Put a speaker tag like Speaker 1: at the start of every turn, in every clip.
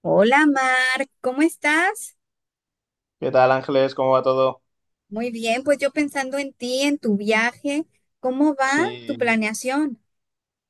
Speaker 1: Hola Mar, ¿cómo estás?
Speaker 2: ¿Qué tal, Ángeles? ¿Cómo va todo?
Speaker 1: Muy bien, pues yo pensando en ti, en tu viaje, ¿cómo va tu
Speaker 2: Sí,
Speaker 1: planeación?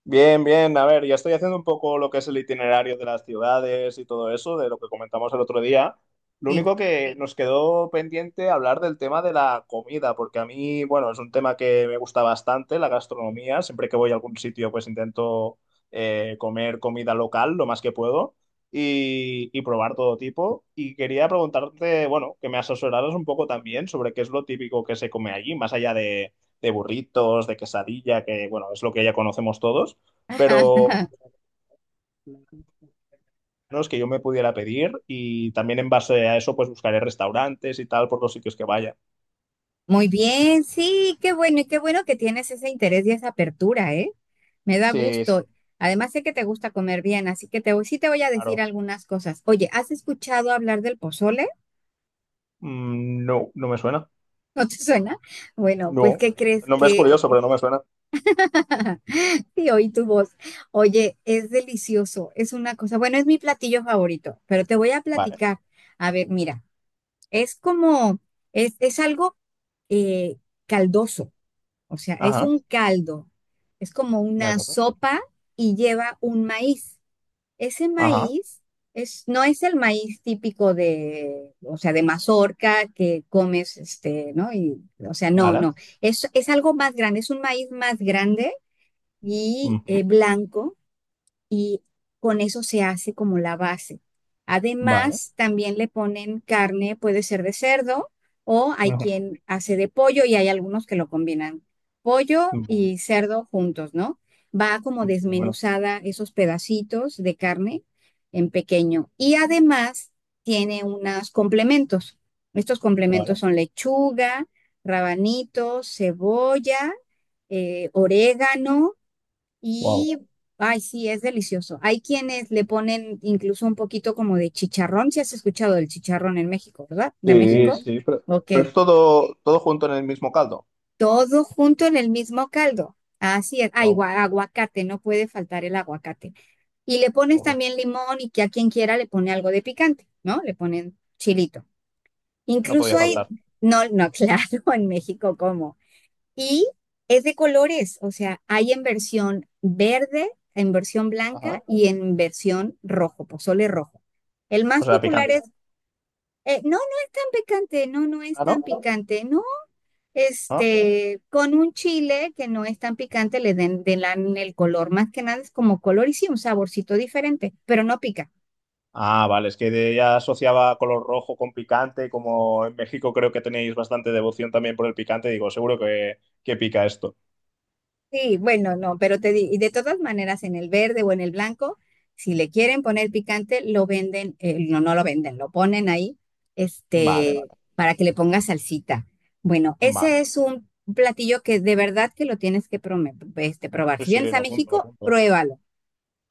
Speaker 2: bien, bien. A ver, ya estoy haciendo un poco lo que es el itinerario de las ciudades y todo eso, de lo que comentamos el otro día. Lo
Speaker 1: Sí.
Speaker 2: único que nos quedó pendiente hablar del tema de la comida, porque a mí, bueno, es un tema que me gusta bastante, la gastronomía. Siempre que voy a algún sitio, pues intento comer comida local lo más que puedo y probar todo tipo. Y quería preguntarte, bueno, que me asesoraras un poco también sobre qué es lo típico que se come allí, más allá de burritos, de quesadilla, que bueno, es lo que ya conocemos todos,
Speaker 1: Ajá,
Speaker 2: pero
Speaker 1: ajá.
Speaker 2: menos que yo me pudiera pedir y también en base a eso pues buscaré restaurantes y tal por los sitios que vaya.
Speaker 1: Muy bien, sí, qué bueno y qué bueno que tienes ese interés y esa apertura, ¿eh? Me da
Speaker 2: Sí, sí.
Speaker 1: gusto. Además sé que te gusta comer bien, así que te voy, sí te voy a decir
Speaker 2: Claro.
Speaker 1: algunas cosas. Oye, ¿has escuchado hablar del pozole?
Speaker 2: Mm, no, no me suena.
Speaker 1: ¿No te suena? Bueno, pues
Speaker 2: No.
Speaker 1: ¿qué
Speaker 2: El
Speaker 1: crees
Speaker 2: nombre es
Speaker 1: que
Speaker 2: curioso, pero no me suena.
Speaker 1: sí, oí tu voz? Oye, es delicioso, es una cosa, bueno, es mi platillo favorito, pero te voy a
Speaker 2: Vale.
Speaker 1: platicar. A ver, mira, es como, es algo eh, caldoso, o sea, es
Speaker 2: Ajá.
Speaker 1: un caldo, es como
Speaker 2: De
Speaker 1: una
Speaker 2: acuerdo.
Speaker 1: sopa y lleva un maíz. Ese
Speaker 2: Ajá.
Speaker 1: maíz es, no es el maíz típico de, o sea, de mazorca que comes, este, ¿no? Y, o sea, no,
Speaker 2: Vale.
Speaker 1: no, es algo más grande, es un maíz más grande y
Speaker 2: Ujú.
Speaker 1: blanco y con eso se hace como la base.
Speaker 2: Vale.
Speaker 1: Además, también le ponen carne, puede ser de cerdo o hay
Speaker 2: Ujú.
Speaker 1: quien hace de pollo y hay algunos que lo combinan, pollo
Speaker 2: Vale.
Speaker 1: y cerdo juntos, ¿no? Va como
Speaker 2: Bueno,
Speaker 1: desmenuzada esos pedacitos de carne en pequeño y además tiene unos complementos. Estos
Speaker 2: vale.
Speaker 1: complementos son lechuga, rabanitos, cebolla, orégano
Speaker 2: Wow.
Speaker 1: y, ay, sí, es delicioso. Hay quienes le ponen incluso un poquito como de chicharrón, si has escuchado del chicharrón en México, ¿verdad? De sí.
Speaker 2: Sí,
Speaker 1: México.
Speaker 2: sí,
Speaker 1: Ok.
Speaker 2: pero es todo, todo junto en el mismo caldo.
Speaker 1: Todo junto en el mismo caldo. Así es. Ay,
Speaker 2: Wow.
Speaker 1: gua- aguacate, no puede faltar el aguacate. Y le pones
Speaker 2: Ojo.
Speaker 1: también limón y que a quien quiera le pone algo de picante, ¿no? Le ponen chilito.
Speaker 2: No podía
Speaker 1: Incluso hay,
Speaker 2: faltar.
Speaker 1: no, no, claro, en México, ¿cómo? Y es de colores, o sea, hay en versión verde, en versión
Speaker 2: Ajá.
Speaker 1: blanca y en versión rojo, pozole rojo. El
Speaker 2: O
Speaker 1: más
Speaker 2: sea,
Speaker 1: popular
Speaker 2: ¿picante?
Speaker 1: es, no, no es tan picante, no, no es
Speaker 2: Ah,
Speaker 1: tan
Speaker 2: ¿no?
Speaker 1: picante, no.
Speaker 2: Ah.
Speaker 1: Este, con un chile que no es tan picante, le den, den el color, más que nada es como color y sí, un saborcito diferente, pero no pica.
Speaker 2: Ah, vale, es que de- ya asociaba color rojo con picante, como en México creo que tenéis bastante devoción también por el picante, digo, seguro que pica esto.
Speaker 1: Sí, bueno, no, pero te di- y de todas maneras en el verde o en el blanco, si le quieren poner picante, lo venden, no, no lo venden, lo ponen ahí,
Speaker 2: Vale,
Speaker 1: este,
Speaker 2: vale,
Speaker 1: para que le ponga salsita. Bueno,
Speaker 2: vale.
Speaker 1: ese es un platillo que de verdad que lo tienes que prome- este, probar.
Speaker 2: Sí,
Speaker 1: Si
Speaker 2: sí,
Speaker 1: vienes a
Speaker 2: lo apunto, lo
Speaker 1: México,
Speaker 2: apunto.
Speaker 1: pruébalo.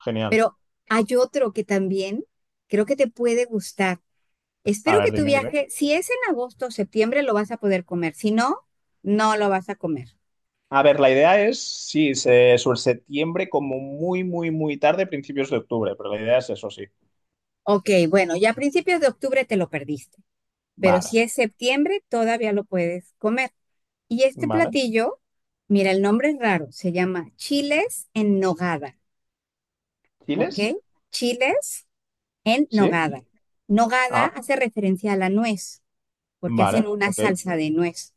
Speaker 2: Genial.
Speaker 1: Pero hay otro que también creo que te puede gustar.
Speaker 2: A
Speaker 1: Espero que
Speaker 2: ver,
Speaker 1: tu
Speaker 2: dime, dime.
Speaker 1: viaje, si es en agosto o septiembre, lo vas a poder comer. Si no, no lo vas a comer.
Speaker 2: A ver, la idea es, sí, se- sobre septiembre como muy, muy, muy tarde, principios de octubre, pero la idea es eso, sí.
Speaker 1: Ok, bueno, ya a principios de octubre te lo perdiste, pero
Speaker 2: Vale,
Speaker 1: si es septiembre todavía lo puedes comer. Y este
Speaker 2: vale.
Speaker 1: platillo, mira, el nombre es raro, se llama chiles en nogada, ¿ok?
Speaker 2: ¿Chiles?
Speaker 1: Chiles en
Speaker 2: Sí.
Speaker 1: nogada. Nogada
Speaker 2: Ah,
Speaker 1: hace referencia a la nuez, porque hacen
Speaker 2: vale,
Speaker 1: una
Speaker 2: ok,
Speaker 1: salsa de nuez.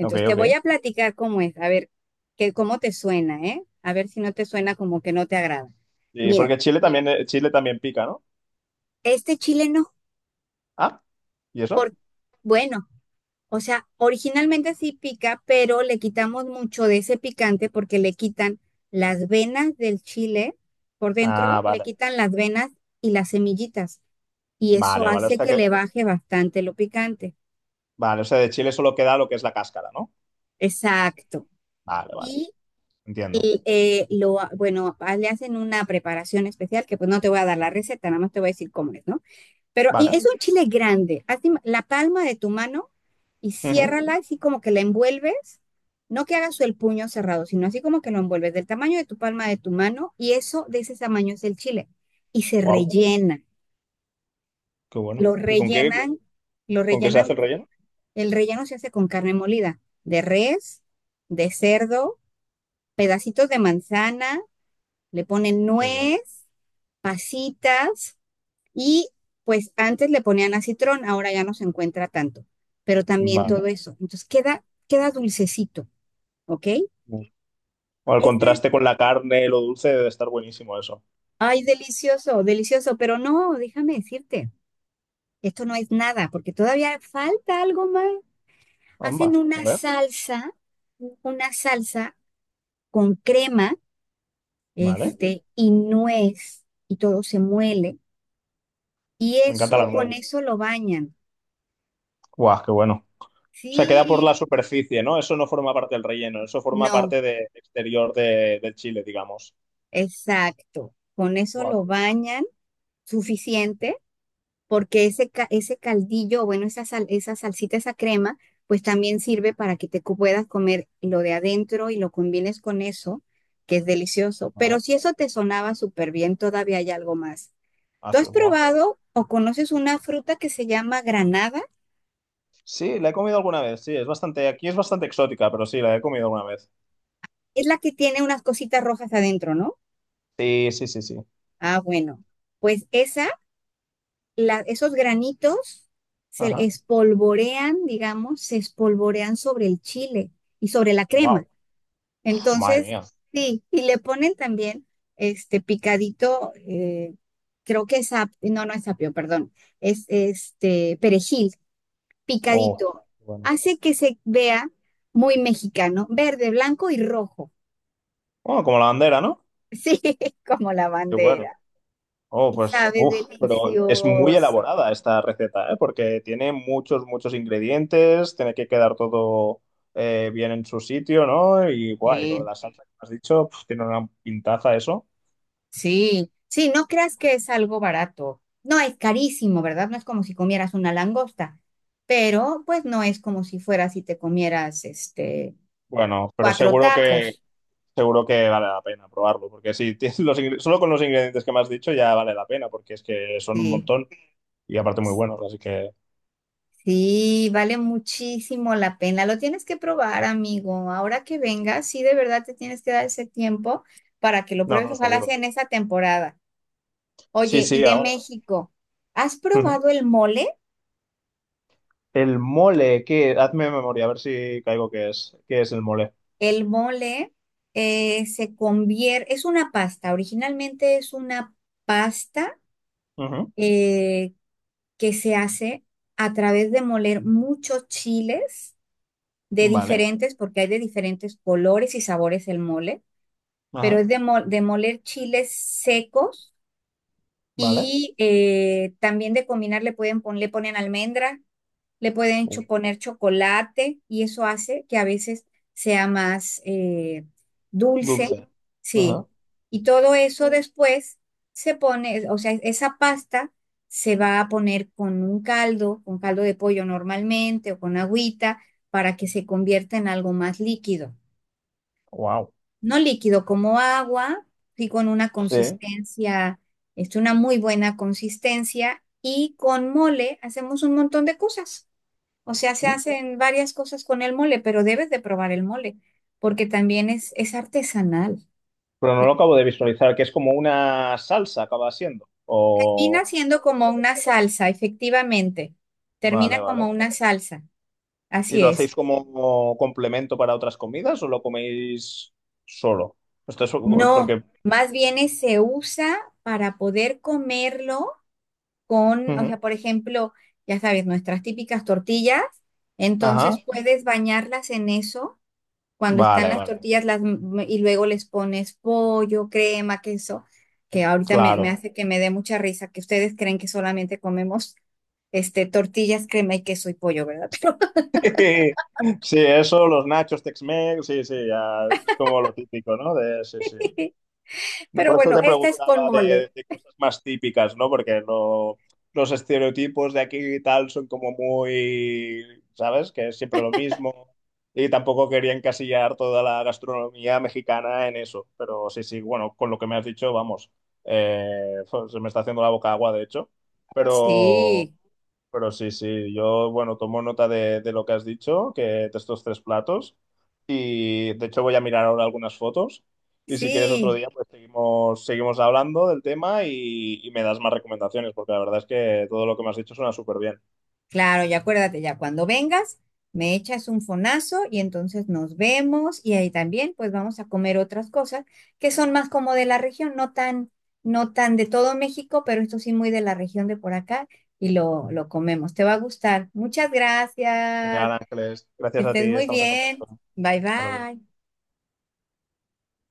Speaker 2: ok,
Speaker 1: te
Speaker 2: ok.
Speaker 1: voy a platicar cómo es, a ver que, cómo te suena, ¿eh? A ver si no te suena como que no te agrada.
Speaker 2: Sí,
Speaker 1: Mira,
Speaker 2: porque Chile también pica, ¿no?
Speaker 1: este chile no,
Speaker 2: Ah, ¿y eso?
Speaker 1: por, bueno. O sea, originalmente sí pica, pero le quitamos mucho de ese picante porque le quitan las venas del chile por
Speaker 2: Ah,
Speaker 1: dentro, le
Speaker 2: vale.
Speaker 1: quitan las venas y las semillitas. Y eso
Speaker 2: Vale, vale. O
Speaker 1: hace
Speaker 2: sea
Speaker 1: que
Speaker 2: que,
Speaker 1: le baje bastante lo picante.
Speaker 2: vale, o sea, de Chile solo queda lo que es la cáscara, ¿no?
Speaker 1: Exacto.
Speaker 2: Vale, vale.
Speaker 1: Y
Speaker 2: Entiendo.
Speaker 1: bueno, ah, le hacen una preparación especial que pues no te voy a dar la receta, nada más te voy a decir cómo es, ¿no? Pero y
Speaker 2: Vale.
Speaker 1: es un chile grande. Haz im- la palma de tu mano y ciérrala así como que la envuelves. No que hagas el puño cerrado, sino así como que lo envuelves del tamaño de tu palma de tu mano y eso de ese tamaño es el chile. Y se
Speaker 2: Wow,
Speaker 1: rellena.
Speaker 2: qué bueno.
Speaker 1: Lo
Speaker 2: ¿Y
Speaker 1: rellenan, lo
Speaker 2: con qué se
Speaker 1: rellenan.
Speaker 2: hace el relleno?
Speaker 1: El relleno se hace con carne molida, de res, de cerdo, pedacitos de manzana, le ponen
Speaker 2: Qué bueno.
Speaker 1: nuez, pasitas. Y pues antes le ponían acitrón, ahora ya no se encuentra tanto, pero también todo
Speaker 2: Vale.
Speaker 1: eso. Entonces queda, queda dulcecito, ¿ok?
Speaker 2: O el
Speaker 1: Ese,
Speaker 2: contraste con la carne, lo dulce, debe estar buenísimo eso.
Speaker 1: ay, delicioso, delicioso, pero no, déjame decirte, esto no es nada, porque todavía falta algo más. Hacen
Speaker 2: Amba, a ver.
Speaker 1: una salsa con crema,
Speaker 2: Vale.
Speaker 1: este, y nuez, y todo se muele, y
Speaker 2: Me encanta la
Speaker 1: eso, con
Speaker 2: nuez.
Speaker 1: eso lo bañan.
Speaker 2: Guau, qué bueno. O sea, queda por la
Speaker 1: Sí,
Speaker 2: superficie, ¿no? Eso no forma parte del relleno, eso forma
Speaker 1: no,
Speaker 2: parte del exterior de- del chile, digamos.
Speaker 1: exacto, con eso
Speaker 2: Buah,
Speaker 1: lo
Speaker 2: qué
Speaker 1: bañan suficiente porque ese, ca- ese caldillo, bueno, esa sal- esa salsita, esa crema, pues también sirve para que te co- puedas comer lo de adentro y lo combines con eso, que es delicioso.
Speaker 2: bueno,
Speaker 1: Pero
Speaker 2: ¿eh?
Speaker 1: si eso te sonaba súper bien, todavía hay algo más.
Speaker 2: Ah,
Speaker 1: ¿Tú
Speaker 2: sí,
Speaker 1: has
Speaker 2: buah.
Speaker 1: probado o conoces una fruta que se llama granada?
Speaker 2: Sí, la he comido alguna vez, sí, es bastante, aquí es bastante exótica, pero sí, la he comido alguna vez.
Speaker 1: Es la que tiene unas cositas rojas adentro, ¿no?
Speaker 2: Sí, sí, sí, sí.
Speaker 1: Ah, bueno, pues esa, la- esos granitos se
Speaker 2: Ajá.
Speaker 1: espolvorean, digamos, se espolvorean sobre el chile y sobre la
Speaker 2: Wow,
Speaker 1: crema.
Speaker 2: madre
Speaker 1: Entonces,
Speaker 2: mía.
Speaker 1: sí, y le ponen también este picadito, creo que es ap- no, no es apio, perdón, es este perejil
Speaker 2: Oh,
Speaker 1: picadito.
Speaker 2: qué bueno.
Speaker 1: Hace que se vea muy mexicano, verde, blanco y rojo.
Speaker 2: Bueno, como la bandera, ¿no?
Speaker 1: Sí, como la
Speaker 2: Qué bueno.
Speaker 1: bandera.
Speaker 2: Oh,
Speaker 1: Y
Speaker 2: pues,
Speaker 1: sabe
Speaker 2: uff, pero es muy
Speaker 1: delicioso.
Speaker 2: elaborada esta receta, ¿eh? Porque tiene muchos, muchos ingredientes, tiene que quedar todo bien en su sitio, ¿no? Y, guay, lo de
Speaker 1: Sí,
Speaker 2: la salsa que has dicho, pf, tiene una pintaza eso.
Speaker 1: sí, sí, no creas que es algo barato. No, es carísimo, ¿verdad? No es como si comieras una langosta, pero pues no es como si fueras y te comieras este
Speaker 2: Bueno, pero
Speaker 1: cuatro tacos.
Speaker 2: seguro que vale la pena probarlo, porque si tienes los ingre- solo con los ingredientes que me has dicho ya vale la pena, porque es que son un
Speaker 1: Sí,
Speaker 2: montón y aparte muy buenos, así que,
Speaker 1: sí, vale muchísimo la pena. Lo tienes que probar, amigo. Ahora que vengas, sí, de verdad te tienes que dar ese tiempo para que lo
Speaker 2: no,
Speaker 1: pruebes.
Speaker 2: no,
Speaker 1: Ojalá sea
Speaker 2: seguro.
Speaker 1: en esa temporada.
Speaker 2: Sí,
Speaker 1: Oye, y
Speaker 2: sí,
Speaker 1: de
Speaker 2: aún.
Speaker 1: México, ¿has
Speaker 2: Ujú.
Speaker 1: probado el mole?
Speaker 2: El mole, ¿qué? Hazme memoria, a ver si caigo qué es. ¿Qué es el mole?
Speaker 1: El mole se convierte, es una pasta, originalmente es una pasta
Speaker 2: Ujú.
Speaker 1: eh, que se hace a través de moler muchos chiles de
Speaker 2: Vale.
Speaker 1: diferentes, porque hay de diferentes colores y sabores el mole, pero
Speaker 2: Ajá.
Speaker 1: es de, mo- de moler chiles secos
Speaker 2: Vale.
Speaker 1: y también de combinar le pueden pon- le ponen almendra, le pueden cho- poner chocolate y eso hace que a veces sea más dulce,
Speaker 2: Dulce.
Speaker 1: sí.
Speaker 2: Ajá.
Speaker 1: Y todo eso después se pone, o sea, esa pasta se va a poner con un caldo, con caldo de pollo normalmente o con agüita para que se convierta en algo más líquido.
Speaker 2: Wow.
Speaker 1: No líquido como agua, sí con una
Speaker 2: Sí.
Speaker 1: consistencia, es una muy buena consistencia y con mole hacemos un montón de cosas. O sea, se
Speaker 2: Mm.
Speaker 1: hacen varias cosas con el mole, pero debes de probar el mole, porque también es artesanal.
Speaker 2: Pero no
Speaker 1: Eh,
Speaker 2: lo acabo de visualizar, que es como una salsa, acaba siendo.
Speaker 1: Termina
Speaker 2: O.
Speaker 1: siendo como una salsa, efectivamente.
Speaker 2: Vale,
Speaker 1: Termina
Speaker 2: vale.
Speaker 1: como una salsa,
Speaker 2: ¿Y
Speaker 1: así
Speaker 2: lo
Speaker 1: es.
Speaker 2: hacéis como complemento para otras comidas o lo coméis solo? Esto es
Speaker 1: No,
Speaker 2: porque.
Speaker 1: más bien es- se usa para poder comerlo con, o
Speaker 2: Ujú.
Speaker 1: sea, por ejemplo, ya sabes, nuestras típicas tortillas,
Speaker 2: Ajá.
Speaker 1: entonces puedes bañarlas en eso cuando están
Speaker 2: Vale,
Speaker 1: las
Speaker 2: vale.
Speaker 1: tortillas las, y luego les pones pollo, crema, queso, que ahorita me, me
Speaker 2: Claro.
Speaker 1: hace que me dé mucha risa, que ustedes creen que solamente comemos este, tortillas, crema y queso y pollo, ¿verdad?
Speaker 2: Sí, eso, los nachos Tex-Mex, sí, sí, ya es como lo típico, ¿no? De, sí, sí.
Speaker 1: Pero,
Speaker 2: No,
Speaker 1: pero
Speaker 2: por eso
Speaker 1: bueno,
Speaker 2: te
Speaker 1: esta es con
Speaker 2: preguntaba
Speaker 1: mole.
Speaker 2: de cosas más típicas, ¿no? Porque lo- los estereotipos de aquí y tal son como muy, ¿sabes? Que es siempre lo mismo. Y tampoco quería encasillar toda la gastronomía mexicana en eso. Pero sí, sí, bueno, con lo que me has dicho, vamos. eh, Se me está haciendo la boca agua, de hecho. Pero.
Speaker 1: Sí,
Speaker 2: Pero sí, sí, yo, bueno, tomo nota de lo que has dicho, que de estos 3 platos. Y de hecho voy a mirar ahora algunas fotos. Y si quieres otro
Speaker 1: sí.
Speaker 2: día, pues seguimos, seguimos hablando del tema y me das más recomendaciones, porque la verdad es que todo lo que me has dicho suena súper bien.
Speaker 1: Claro, ya acuérdate, ya cuando vengas, me echas un fonazo y entonces nos vemos y ahí también pues vamos a comer otras cosas que son más como de la región, no tan, no tan de todo México, pero esto sí muy de la región de por acá y lo comemos. Te va a gustar. Muchas gracias.
Speaker 2: Genial, Ángeles.
Speaker 1: Que
Speaker 2: Gracias a
Speaker 1: estés
Speaker 2: ti,
Speaker 1: muy
Speaker 2: estamos en contacto.
Speaker 1: bien. Bye
Speaker 2: Hasta luego.
Speaker 1: bye.